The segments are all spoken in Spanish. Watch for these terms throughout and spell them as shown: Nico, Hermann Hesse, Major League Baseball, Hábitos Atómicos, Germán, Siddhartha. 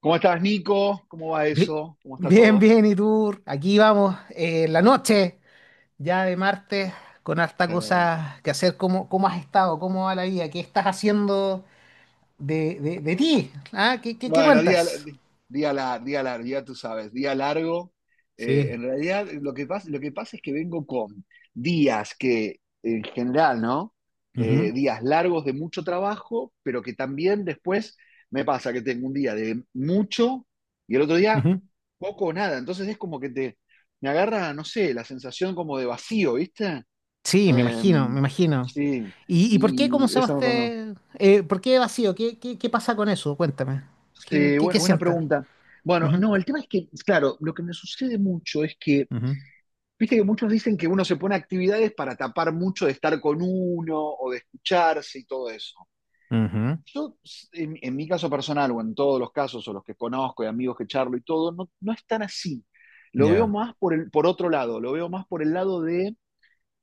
¿Cómo estás, Nico? ¿Cómo va Bi- eso? ¿Cómo está Bien, todo? bien, y tú, aquí vamos, la noche ya de martes, con harta Sí. cosa que hacer. ¿Cómo has estado? ¿Cómo va la vida? ¿Qué estás haciendo de ti? ¿Ah? ¿Qué Bueno, día, cuentas? Día largo, ya tú sabes, día largo. Sí, En realidad, lo que pasa es que vengo con días que, en general, ¿no? ujú, Días largos de mucho trabajo, pero que también después me pasa que tengo un día de mucho y el otro día ujú. poco o nada. Entonces es como que me agarra, no sé, la sensación como de vacío, ¿viste? Sí, me imagino, me Em, imagino. sí, ¿Y por qué, cómo y se llama eso me pasó. este, por qué vacío? ¿Qué pasa con eso? Cuéntame. ¿Qué, Sí, qué, bueno, qué buena sientes? pregunta. Bueno, Ujú, no, el tema es que, claro, lo que me sucede mucho es que, ujú, viste que muchos dicen que uno se pone actividades para tapar mucho de estar con uno o de escucharse y todo eso. ujú. En mi caso personal o en todos los casos o los que conozco y amigos que charlo y todo, no, no es tan así. Lo veo Ya. más por otro lado, lo veo más por el lado de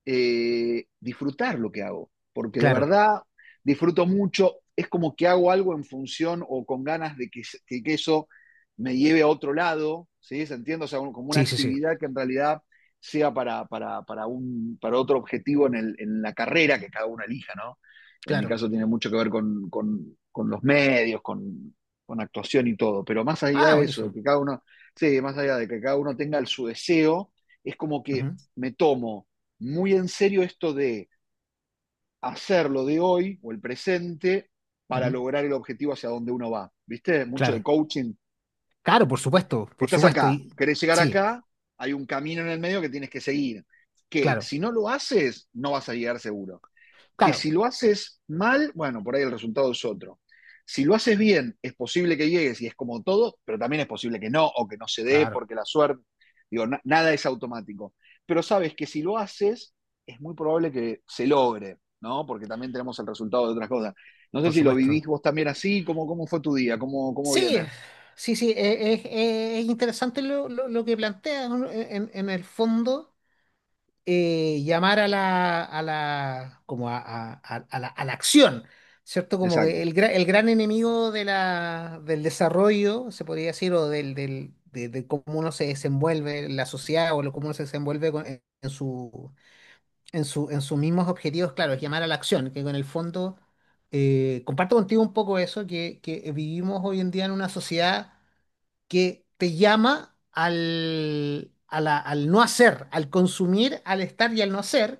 disfrutar lo que hago, porque de Claro. verdad disfruto mucho, es como que hago algo en función o con ganas de que eso me lleve a otro lado, ¿sí? ¿Se entiende? O sea, un, como una Sí, sí, sí. actividad que en realidad sea para, un, para otro objetivo la carrera que cada uno elija, ¿no? En mi Claro. caso tiene mucho que ver con los medios, con, actuación y todo, pero más allá Ah, de eso, de buenísimo. que cada uno, sí, más allá de que cada uno tenga el, su deseo, es como que Ujú, me tomo muy en serio esto de hacerlo de hoy o el presente para ujú. lograr el objetivo hacia donde uno va. ¿Viste? Mucho Claro, de coaching. claro, por supuesto, por Estás supuesto. acá, Y querés llegar sí, acá, hay un camino en el medio que tienes que seguir, que claro, si no lo haces, no vas a llegar seguro que claro, si lo haces mal, bueno, por ahí el resultado es otro. Si lo haces bien, es posible que llegues y es como todo, pero también es posible que no o que no se dé claro, porque la suerte, digo, na nada es automático. Pero sabes que si lo haces, es muy probable que se logre, ¿no? Porque también tenemos el resultado de otras cosas. No sé por si lo supuesto. vivís vos también así, ¿cómo, cómo fue tu día? ¿Cómo, cómo Sí, viene? sí, sí, es interesante lo que plantea, ¿no? En el fondo, llamar a la, como a la acción, ¿cierto? Como Exacto. que el gran enemigo del desarrollo, se podría decir, o de cómo uno se desenvuelve en la sociedad o cómo uno se desenvuelve en sus mismos objetivos, claro, es llamar a la acción, que en el fondo comparto contigo un poco eso, que vivimos hoy en día en una sociedad que te llama al no hacer, al consumir, al estar y al no hacer,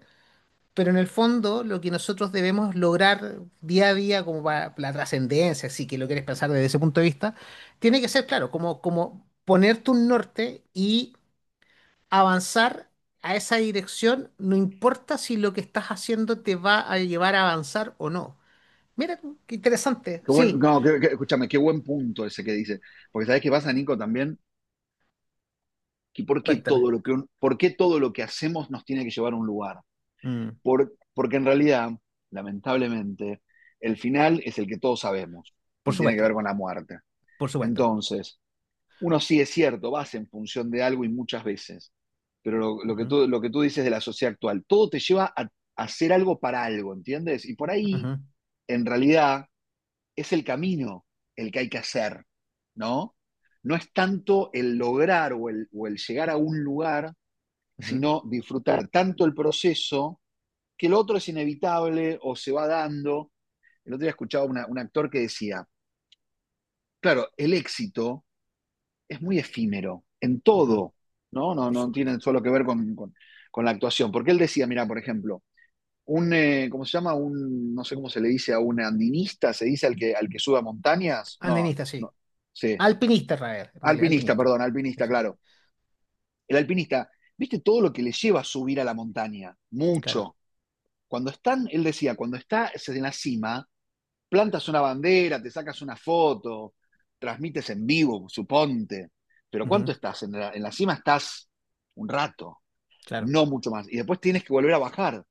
pero en el fondo lo que nosotros debemos lograr día a día como para la trascendencia, si que lo quieres pensar desde ese punto de vista, tiene que ser, claro, como ponerte un norte y avanzar a esa dirección, no importa si lo que estás haciendo te va a llevar a avanzar o no. Mira tú, qué interesante. Qué buen, Sí, no, qué, qué, escúchame, qué buen punto ese que dice. Porque sabes qué pasa, Nico, también, que por qué cuéntame. todo lo que, un- ¿por qué todo lo que hacemos nos tiene que llevar a un lugar? Mm, Porque en realidad, lamentablemente, el final es el que todos sabemos por y tiene que supuesto, ver con la muerte. por supuesto. Entonces, uno sí es cierto, vas en función de algo y muchas veces, pero Ujú, lo que tú dices de la sociedad actual, todo te lleva a hacer algo para algo, ¿entiendes? Y por ahí, ujú, en realidad, es el camino el que hay que hacer, ¿no? No es tanto el lograr o el llegar a un lugar, ujú, sino disfrutar tanto el proceso que lo otro es inevitable o se va dando. El otro día escuchaba un actor que decía, claro, el éxito es muy efímero en ujú, todo, ¿no? No, por no tiene supuesto. solo que ver con la actuación. Porque él decía, mira, por ejemplo, ¿cómo se llama? Un, no sé cómo se le dice a un andinista, se dice al que sube a montañas. No, Andenista, sí. no, sí. Alpinista, Rael, en realidad, Alpinista, alpinista. perdón, Sí, alpinista, sí. claro. El alpinista, ¿viste todo lo que le lleva a subir a la montaña? Claro, Mucho. Cuando están, él decía, cuando está en la cima, plantas una bandera, te sacas una foto, transmites en vivo, suponte. Pero ujú, ¿cuánto estás? En la cima estás un rato, claro, no mucho más. Y después tienes que volver a bajar,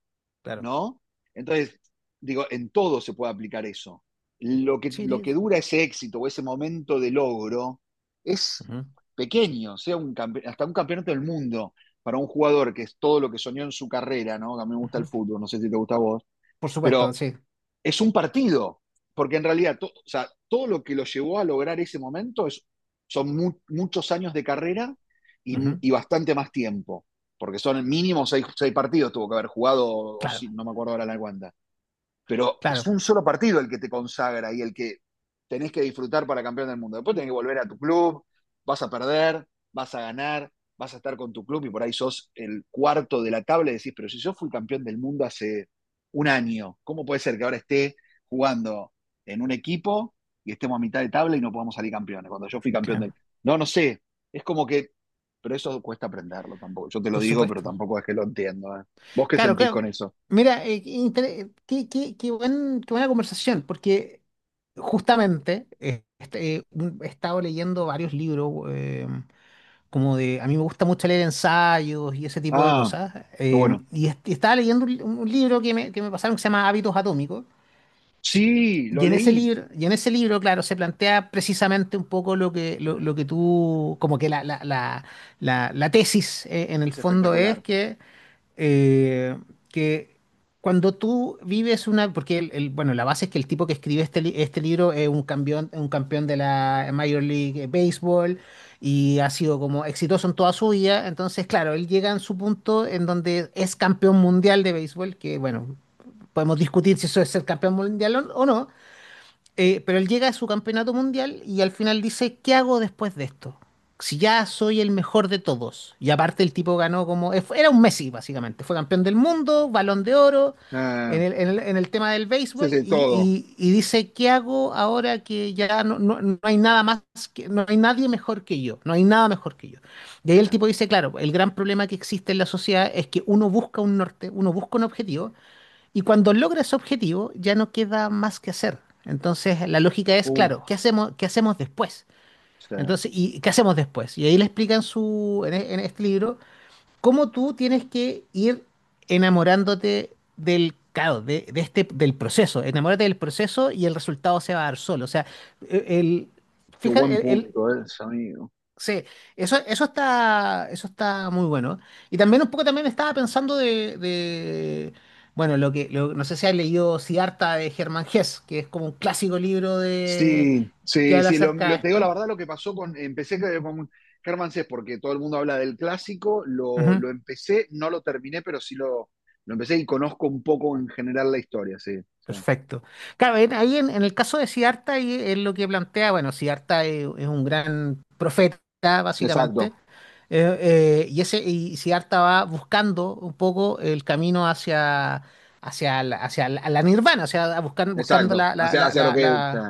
claro. ¿no? Entonces, digo, en todo se puede aplicar eso. Sí, Lo que sí. dura ese éxito o ese momento de logro es Ujú, pequeño, sea hasta un campeonato del mundo para un jugador que es todo lo que soñó en su carrera, ¿no? A mí me gusta el ujú, fútbol, no sé si te gusta a vos, por supuesto, pero sí. es un partido, porque en realidad o sea, todo lo que lo llevó a lograr ese momento es, son mu muchos años de carrera Ujú, y, bastante más tiempo, porque son mínimo seis partidos, tuvo que haber jugado, o claro, si, no me acuerdo ahora la cuenta, pero es claro, un solo partido el que te consagra y el que tenés que disfrutar para campeón del mundo. Después tenés que volver a tu club, vas a perder, vas a ganar, vas a estar con tu club y por ahí sos el cuarto de la tabla y decís, pero si yo fui campeón del mundo hace un año, ¿cómo puede ser que ahora esté jugando en un equipo y estemos a mitad de tabla y no podamos salir campeones? Cuando yo fui campeón del... claro. No, no sé, es como que... Pero eso cuesta aprenderlo tampoco. Yo te lo Por digo, pero supuesto. tampoco es que lo entiendo, ¿eh? ¿Vos qué Claro, sentís con claro. eso? Mira, qué, inter- qué- qué- qué buen- qué buena conversación, porque justamente he estado leyendo varios libros, a mí me gusta mucho leer ensayos y ese tipo de Ah, cosas, pero bueno. Y estaba leyendo un libro que me pasaron que se llama Hábitos Atómicos, Sí, lo leí. Y en ese libro, claro, se plantea precisamente un poco Eh, lo que tú, como que la tesis, en el Es fondo es espectacular. Eh, que cuando tú vives una, porque bueno, la base es que el tipo que escribe este libro es un campeón de la Major League Baseball y ha sido como exitoso en toda su vida, entonces claro, él llega en su punto en donde es campeón mundial de béisbol, que bueno, podemos discutir si eso es ser campeón mundial o no, pero él llega a su campeonato mundial y al final dice, ¿qué hago después de esto? Si ya soy el mejor de todos. Y aparte el tipo ganó como era un Messi, básicamente. Fue campeón del mundo, balón de oro, Eh, en el tema del ese es béisbol. el todo. Y dice, ¿qué hago ahora que ya no hay nada más, no hay nadie mejor que yo? No hay nada mejor que yo. Y ahí el Eh, tipo dice, claro, el gran problema que existe en la sociedad es que uno busca un norte, uno busca un objetivo y cuando logra ese objetivo, ya no queda más que hacer. Entonces, la lógica es, uf, claro, ¿qué hacemos después? sí, Entonces, ¿y qué hacemos después? Y ahí le explican en este libro cómo tú tienes que ir enamorándote del caos, del proceso. Enamórate del proceso y el resultado se va a dar solo. O sea, el, qué buen fíjate, punto es, amigo. sí, eso está muy bueno. Y también un poco también estaba pensando bueno, no sé si has leído Siddhartha de Germán Hesse, que es como un clásico libro de Sí, que sí, habla sí. Acerca de Te digo la esto. verdad lo que pasó con. Germán porque todo el mundo habla del clásico. Lo empecé, no lo terminé, pero sí lo empecé y conozco un poco en general la historia, sí. Sí. Perfecto. Claro, ahí en el caso de Siddhartha, ahí es lo que plantea, bueno, Siddhartha es un gran profeta, básicamente, Exacto, y Siddhartha va buscando un poco el camino la nirvana, o sea, buscando exacto. Hacia, hacia lo que. Sí.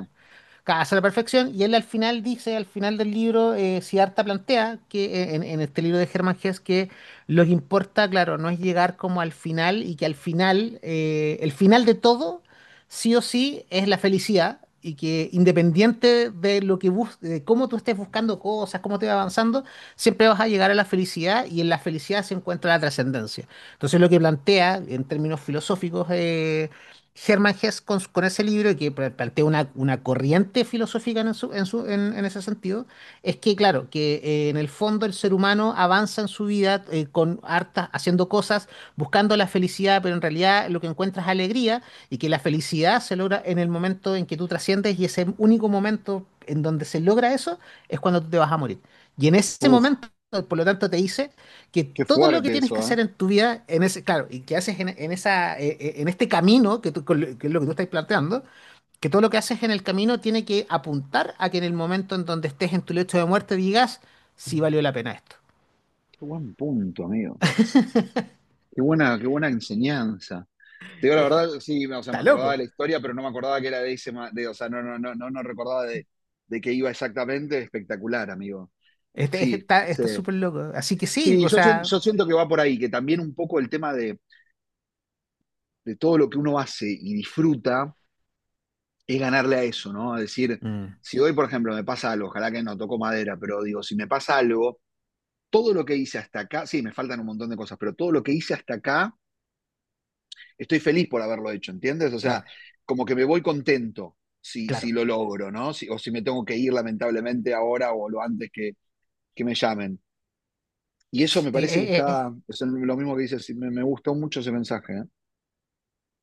casa la perfección, y él al final dice, al final del libro, Siddhartha plantea que en este libro de Hermann Hesse que lo que importa, claro, no es llegar como al final y que al final, el final de todo, sí o sí, es la felicidad y que independiente de lo que bus de cómo tú estés buscando cosas, cómo te va avanzando, siempre vas a llegar a la felicidad y en la felicidad se encuentra la trascendencia. Entonces lo que plantea en términos filosóficos Hermann Hesse con ese libro que plantea una corriente filosófica en ese sentido, es que, claro, que en el fondo el ser humano avanza en su vida con harta, haciendo cosas, buscando la felicidad, pero en realidad lo que encuentras es alegría y que la felicidad se logra en el momento en que tú trasciendes y ese único momento en donde se logra eso es cuando tú te vas a morir. Y en ese Uf, momento, por lo tanto, te dice que qué todo lo que fuerte tienes que eso, ¿eh? hacer en tu vida, claro, y que haces en esa, en este camino, que es lo que tú estás planteando, que todo lo que haces en el camino tiene que apuntar a que en el momento en donde estés en tu lecho de muerte digas, sí valió la pena esto. Qué buen punto, amigo. Qué buena enseñanza. Te digo la Eh, verdad, sí, o sea, me Está acordaba de loco. la historia, pero no me acordaba que era de ese, o sea, no, no, no, no, no recordaba de qué iba exactamente. Espectacular, amigo. Este- Sí, está sí. está súper loco. Así que sí, Sí, o sea, yo siento que va por ahí, que también un poco el tema de todo lo que uno hace y disfruta es ganarle a eso, ¿no? Es decir, mm, si hoy, por ejemplo, me pasa algo, ojalá que no toco madera, pero digo, si me pasa algo, todo lo que hice hasta acá, sí, me faltan un montón de cosas, pero todo lo que hice hasta acá estoy feliz por haberlo hecho, ¿entiendes? O sea, claro, como que me voy contento si, si claro. lo logro, ¿no? Si, o si me tengo que ir lamentablemente ahora o lo antes que me llamen. Y eso me Sí, parece que es. está, es lo mismo que dices, me gustó mucho ese mensaje, ¿eh?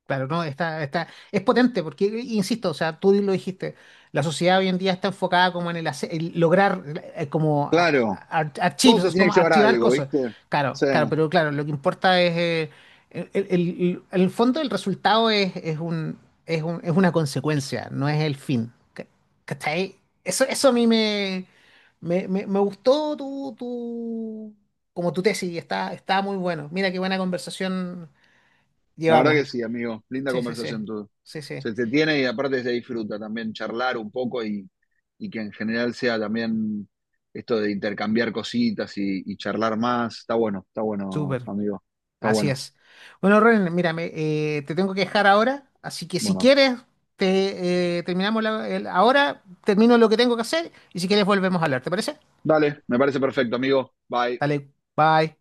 Claro, no, está, es potente porque, insisto, o sea, tú lo dijiste, la sociedad hoy en día está enfocada como el lograr, como Claro, todo te archivos, tiene que como llevar a archivar algo, cosas. ¿viste? Sí. Claro, claro, pero claro, lo que importa es, el, el- el fondo del resultado es una consecuencia, no es el fin. ¿Cachai? Eso a mí me gustó como tu tesis, está muy bueno. Mira qué buena conversación La verdad que llevamos. sí, amigo. Linda Sí, sí, sí. conversación todo. Sí, sí. Se te tiene y aparte se disfruta también charlar un poco y que en general sea también esto de intercambiar cositas y charlar más. Está bueno, Súper. amigo. Está Así bueno. es. Bueno, Ren, mírame, te tengo que dejar ahora, así que si Bueno, quieres, te terminamos la- el- ahora, termino lo que tengo que hacer y si quieres volvemos a hablar, ¿te parece? dale, me parece perfecto, amigo. Bye. Dale, bye.